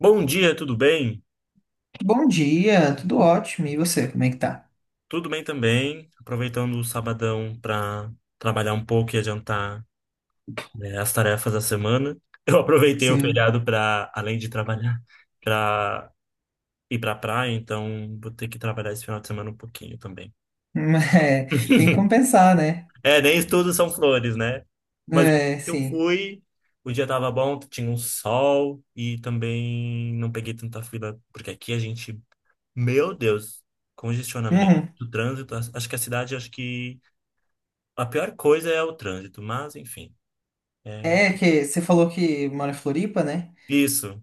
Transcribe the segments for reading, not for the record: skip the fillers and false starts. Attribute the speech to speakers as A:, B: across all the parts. A: Bom dia, tudo bem?
B: Bom dia, tudo ótimo. E você, como é que tá?
A: Tudo bem também. Aproveitando o sabadão para trabalhar um pouco e adiantar, né, as tarefas da semana. Eu aproveitei o
B: Sim.
A: feriado para, além de trabalhar, para ir para praia, então vou ter que trabalhar esse final de semana um pouquinho também.
B: É, tem que compensar, né?
A: É, nem tudo são flores, né? Mas
B: É,
A: eu
B: sim.
A: fui, o dia tava bom, tinha um sol e também não peguei tanta fila, porque aqui a gente, meu Deus, congestionamento,
B: Uhum.
A: trânsito, acho que a pior coisa é o trânsito, mas enfim. É
B: É que você falou que mora em Floripa, né?
A: isso.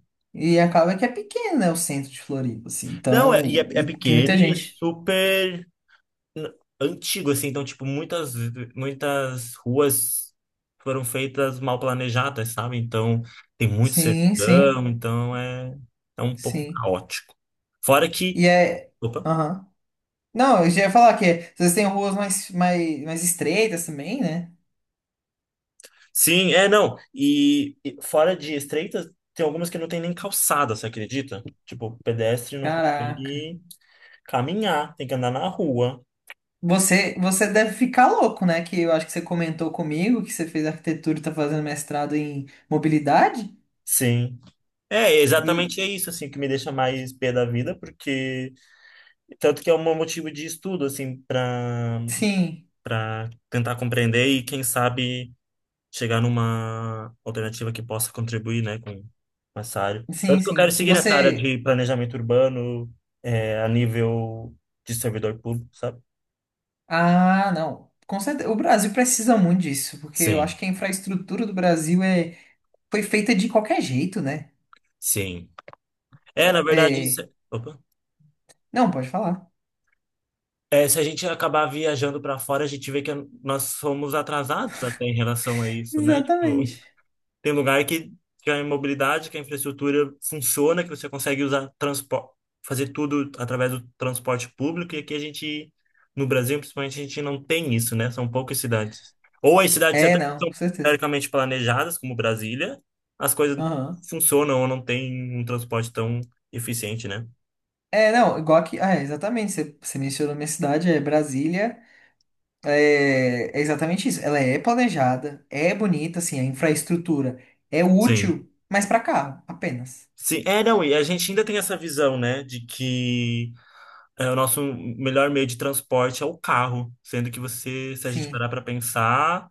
B: E acaba que é pequeno, né, o centro de Floripa, assim.
A: Não, é, e é,
B: Então,
A: é
B: e tem
A: pequeno
B: muita
A: e é
B: gente.
A: super n- antigo, assim. Então, tipo, muitas ruas foram feitas mal planejadas, sabe? Então, tem muito
B: Sim, sim,
A: cercadão, então é um pouco
B: sim.
A: caótico. Fora que.
B: E é.
A: Opa.
B: Aham. Não, eu já ia falar que vocês têm ruas mais estreitas também, né?
A: Sim, é, não. E fora de estreitas, tem algumas que não tem nem calçada, você acredita? Tipo, o pedestre não
B: Caraca.
A: consegue caminhar, tem que andar na rua.
B: Você deve ficar louco, né? Que eu acho que você comentou comigo que você fez arquitetura e tá fazendo mestrado em mobilidade.
A: Sim. É, exatamente é
B: E
A: isso, assim, que me deixa mais pé da vida, porque tanto que é um motivo de estudo, assim, para
B: sim,
A: para tentar compreender e, quem sabe, chegar numa alternativa que possa contribuir, né, com essa área.
B: sim,
A: Tanto que eu quero
B: sim.
A: seguir nessa área
B: Você.
A: de planejamento urbano, é, a nível de servidor público, sabe?
B: Ah, não. Com certeza. O Brasil precisa muito disso, porque eu
A: Sim,
B: acho que a infraestrutura do Brasil é foi feita de qualquer jeito, né?
A: sim. É, na verdade, isso
B: É.
A: é- Opa.
B: Não, pode falar.
A: É, se a gente acabar viajando para fora, a gente vê que nós somos atrasados até em relação a isso, né? Tipo,
B: Exatamente.
A: tem lugar que a mobilidade, que a infraestrutura funciona, que você consegue usar transporte, fazer tudo através do transporte público, e aqui a gente, no Brasil, principalmente, a gente não tem isso, né? São poucas cidades. Ou as cidades
B: É,
A: até que
B: não, com
A: são
B: certeza.
A: teoricamente planejadas, como Brasília, as coisas
B: Aham.
A: funcionam ou não tem um transporte tão eficiente, né?
B: É, não, igual aqui. Ah, é, exatamente. Você mencionou minha cidade, é Brasília. É exatamente isso. Ela é planejada, é bonita, assim, a infraestrutura é
A: Sim.
B: útil, mas para carro, apenas.
A: Sim, é, não, e a gente ainda tem essa visão, né, de que é, o nosso melhor meio de transporte é o carro, sendo que você, se a gente
B: Sim,
A: parar para pensar,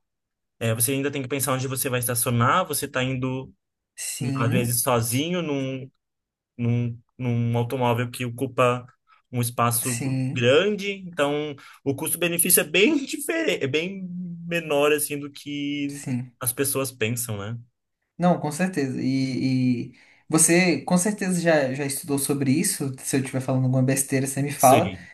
A: é, você ainda tem que pensar onde você vai estacionar, você está indo, às
B: sim,
A: vezes, sozinho num, num automóvel que ocupa um espaço
B: sim,
A: grande, então o custo-benefício é bem diferente, é bem menor, assim, do que
B: sim.
A: as pessoas pensam, né?
B: Não, com certeza. E você com certeza já estudou sobre isso. Se eu estiver falando alguma besteira, você me fala.
A: Sim,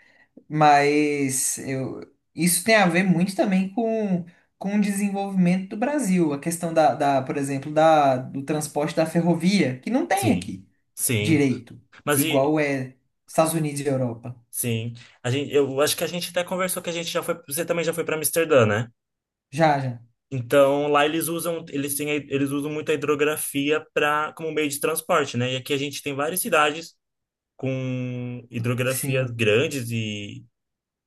B: Mas eu, isso tem a ver muito também com o desenvolvimento do Brasil. A questão da, por exemplo, da, do transporte da ferrovia, que não tem
A: sim,
B: aqui
A: sim.
B: direito,
A: Mas e,
B: igual é Estados Unidos e Europa.
A: sim, a gente, eu acho que a gente até conversou que a gente já foi, você também já foi para Amsterdã, né?
B: Já, já.
A: Então, lá eles usam, eles têm, eles usam muito a hidrografia para como meio de transporte, né? E aqui a gente tem várias cidades com hidrografias
B: Sim,
A: grandes e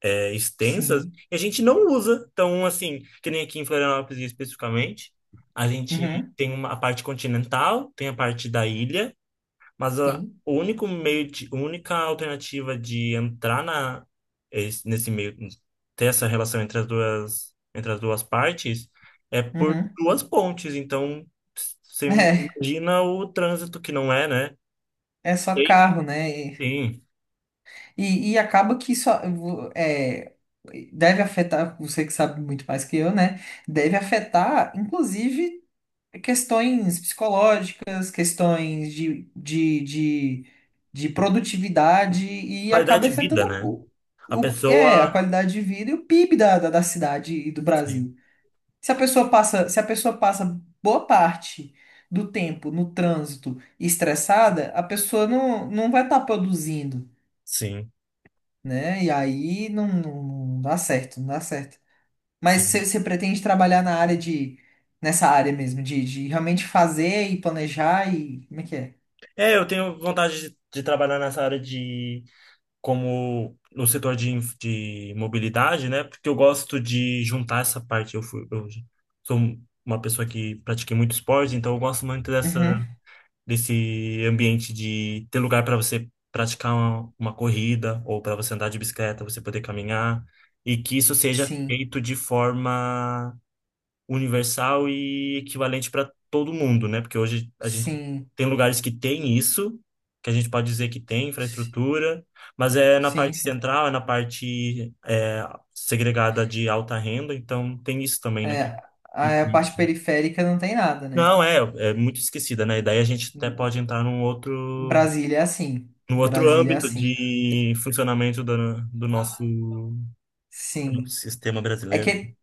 A: é, extensas,
B: sim.
A: e a gente não usa. Então, assim, que nem aqui em Florianópolis especificamente, a gente
B: Uhum,
A: tem uma, a parte continental, tem a parte da ilha, mas a,
B: sim.
A: o único meio de, a única alternativa de entrar na, nesse meio, ter essa relação entre as duas partes, é por
B: Uhum.
A: duas pontes. Então, você
B: É,
A: imagina o trânsito que não é, né?
B: é só
A: Sim,
B: carro, né? E,
A: sim.
B: e, e acaba que isso é, deve afetar, você que sabe muito mais que eu, né? Deve afetar, inclusive, questões psicológicas, questões de produtividade e
A: Qualidade
B: acaba
A: de vida,
B: afetando
A: né? A
B: a
A: pessoa.
B: qualidade de vida e o PIB da cidade e do
A: Sim,
B: Brasil. Se a pessoa passa boa parte do tempo no trânsito estressada, a pessoa não vai estar produzindo,
A: sim,
B: né? E aí não dá certo, não dá certo. Mas
A: sim.
B: você pretende trabalhar na área nessa área mesmo, de realmente fazer e planejar e como é que é?
A: É, eu tenho vontade de trabalhar nessa área de como no setor de mobilidade, né? Porque eu gosto de juntar essa parte. Eu sou uma pessoa que pratiquei muito esporte, então eu gosto muito dessa,
B: Uhum,
A: desse ambiente de ter lugar para você praticar uma corrida ou para você andar de bicicleta, você poder caminhar, e que isso seja
B: sim,
A: feito de forma universal e equivalente para todo mundo, né? Porque hoje a gente
B: sim,
A: tem lugares que tem isso, que a gente pode dizer que tem
B: si-
A: infraestrutura, mas é na
B: sim,
A: parte
B: sim.
A: central, é na parte é, segregada de alta renda, então tem isso também, né?
B: É,
A: E-
B: a parte
A: e-
B: periférica não tem nada, né?
A: Não, é, é muito esquecida, né? E daí a gente até pode entrar num outro,
B: Brasília é assim,
A: num outro
B: Brasília é
A: âmbito
B: assim.
A: de funcionamento do, do nosso
B: Sim.
A: sistema
B: É
A: brasileiro.
B: que,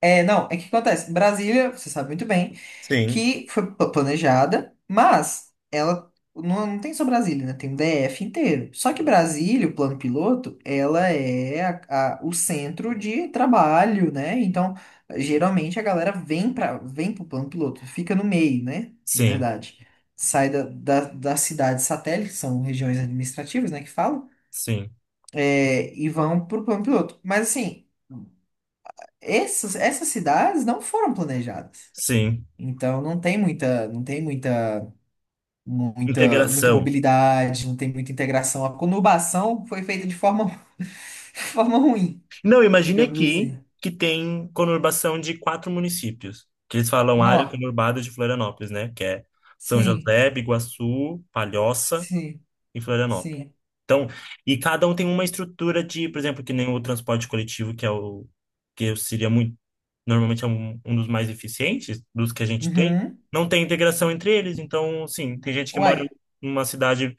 B: é, não, é que acontece. Brasília, você sabe muito bem,
A: Sim,
B: que foi planejada, mas ela não tem só Brasília, né? Tem o DF inteiro. Só que Brasília, o plano piloto, ela é o centro de trabalho, né? Então, geralmente a galera vem pro plano piloto, fica no meio, né? Na
A: sim,
B: verdade. Sai das cidades satélites, que são regiões administrativas, né, que falam,
A: sim,
B: e vão pro plano piloto. Mas assim essas cidades não foram planejadas.
A: sim.
B: Então não tem muita
A: Integração.
B: mobilidade, não tem muita integração. A conurbação foi feita de forma ruim,
A: Não, imagine
B: digamos
A: aqui
B: assim.
A: que tem conurbação de quatro municípios, que eles falam área
B: Nó.
A: conurbada de Florianópolis, né? Que é São
B: Sim,
A: José, Biguaçu, Palhoça
B: sim,
A: e Florianópolis.
B: sim.
A: Então, e cada um tem uma estrutura de, por exemplo, que nem o transporte coletivo, que é o que seria muito, normalmente é um, um dos mais eficientes dos que a gente tem,
B: Uhum.
A: não tem integração entre eles. Então, sim, tem gente que mora
B: Uai.
A: numa cidade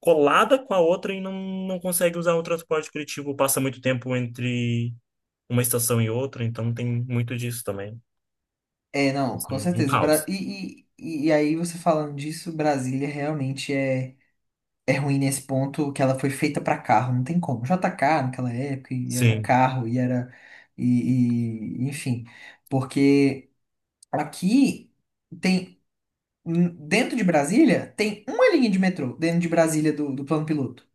A: colada com a outra e não, não consegue usar o transporte coletivo, passa muito tempo entre uma estação e outra, então tem muito disso também.
B: É, não, com
A: Um
B: certeza. Bra-
A: caos.
B: E, e, e aí você falando disso, Brasília realmente é. É ruim nesse ponto que ela foi feita pra carro, não tem como. JK naquela época e era
A: Sim,
B: carro e era e enfim, porque aqui tem dentro de Brasília tem uma linha de metrô dentro de Brasília do plano piloto.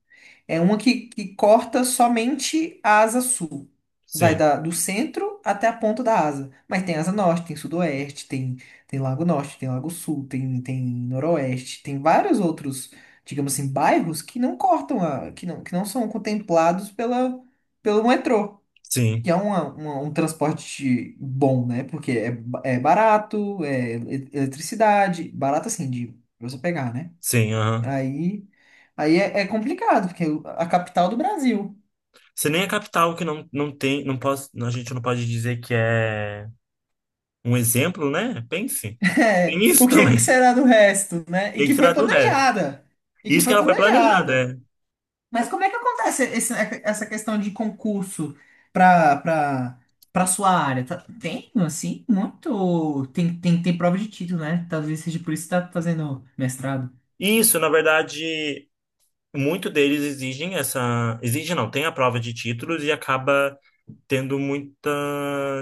B: É uma que corta somente a asa sul. Vai
A: sim,
B: da, do centro até a ponta da asa. Mas tem asa norte, tem sudoeste, tem lago norte, tem lago sul, tem noroeste, tem vários outros, digamos assim, bairros que não cortam a, que não são contemplados pela, pelo metrô.
A: sim,
B: Que é um transporte bom, né? Porque é barato, é eletricidade, barato assim, de pra você pegar, né?
A: sim, aham.
B: Aí, aí é complicado, porque a capital do Brasil.
A: Se nem a capital que não, não tem, não posso, a gente não pode dizer que é um exemplo, né? Pense. Tem
B: É,
A: isso
B: o
A: também.
B: que será do resto, né? E
A: Tem que
B: que
A: tirar
B: foi
A: do resto.
B: planejada. E que
A: Isso que
B: foi
A: ela foi planejada,
B: planejada.
A: é.
B: Mas como é que acontece essa questão de concurso para para para sua área? Tem, assim, muito. Tem prova de título, né? Talvez seja por isso que tá fazendo mestrado.
A: Isso, na verdade, muito deles exigem essa. Exigem não, tem a prova de títulos e acaba tendo muita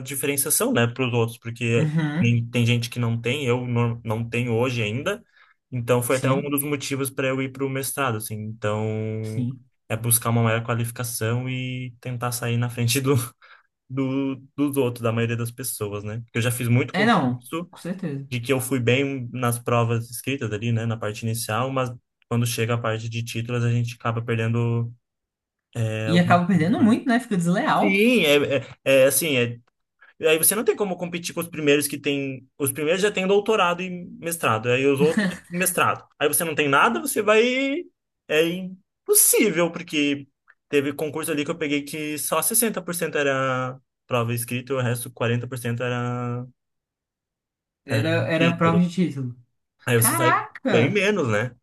A: diferenciação, né, para os outros, porque
B: Uhum,
A: tem gente que não tem, eu não tenho hoje ainda. Então foi até um
B: sim,
A: dos motivos para eu ir para o mestrado, assim. Então
B: sim.
A: é buscar uma maior qualificação e tentar sair na frente do, dos outros, da maioria das pessoas, né? Porque eu já fiz muito
B: É, não,
A: concurso
B: com certeza.
A: de que eu fui bem nas provas escritas ali, né, na parte inicial, mas quando chega a parte de títulos a gente acaba perdendo é,
B: E
A: algumas
B: acaba perdendo
A: questões.
B: muito, né? Fica desleal.
A: Sim, é assim. E aí você não tem como competir com os primeiros que têm. Os primeiros já têm doutorado e mestrado, aí os outros já têm mestrado. Aí você não tem nada, você vai. É impossível, porque teve concurso ali que eu peguei que só 60% era prova escrita e o resto 40% era, era
B: Era, era prova
A: título.
B: de título.
A: Aí você sai bem
B: Caraca!
A: menos, né?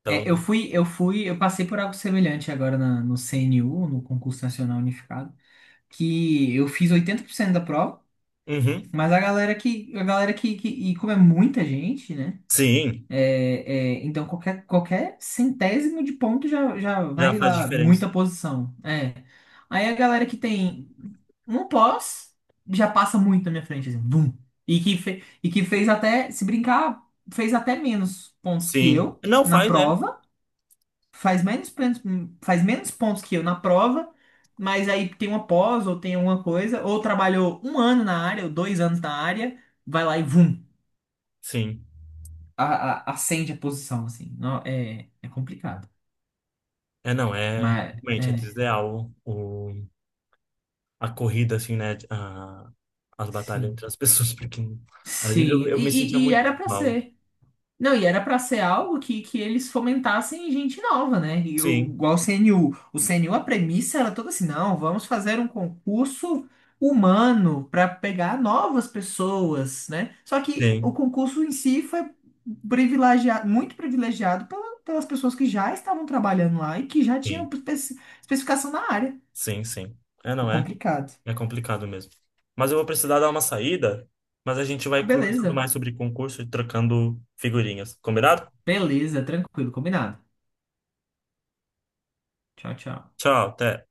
A: Então,
B: É, eu passei por algo semelhante agora no CNU, no Concurso Nacional Unificado, que eu fiz 80% da prova,
A: uhum.
B: mas a galera que- e como é muita gente, né?
A: Sim,
B: É, então qualquer centésimo de ponto já
A: já
B: vai
A: faz
B: lá
A: diferença.
B: muita posição. É. Aí a galera que tem um pós já passa muito na minha frente, assim, bum. E que fez até, se brincar, fez até menos pontos que
A: Sim.
B: eu
A: Não
B: na
A: faz, é.
B: prova. faz menos, pontos- Faz menos pontos que eu na prova, mas aí tem uma pós ou tem alguma coisa, ou trabalhou um ano na área, ou 2 anos na área, vai lá e vum,
A: Sim.
B: acende a posição, assim. Não, é complicado.
A: É, não, é.
B: Mas,
A: Realmente, é
B: é,
A: desleal o. A corrida, assim, né? A, as batalhas
B: sim.
A: entre as pessoas, porque às vezes eu,
B: Sim,
A: eu me sentia
B: e
A: muito
B: era pra
A: mal.
B: ser. Não, e era pra ser algo que eles fomentassem gente nova, né? E
A: Sim,
B: igual o CNU. O CNU, a premissa era toda assim: não, vamos fazer um concurso humano para pegar novas pessoas, né? Só que o
A: sim,
B: concurso em si foi privilegiado, muito privilegiado pelas pessoas que já estavam trabalhando lá e que já tinham
A: sim,
B: especificação na área.
A: sim, sim. É,
B: Foi
A: não é?
B: complicado.
A: É complicado mesmo. Mas eu vou precisar dar uma saída, mas a gente
B: Ah,
A: vai conversando
B: beleza,
A: mais sobre concurso e trocando figurinhas. Combinado?
B: beleza, tranquilo, combinado. Tchau, tchau.
A: Tchau, até.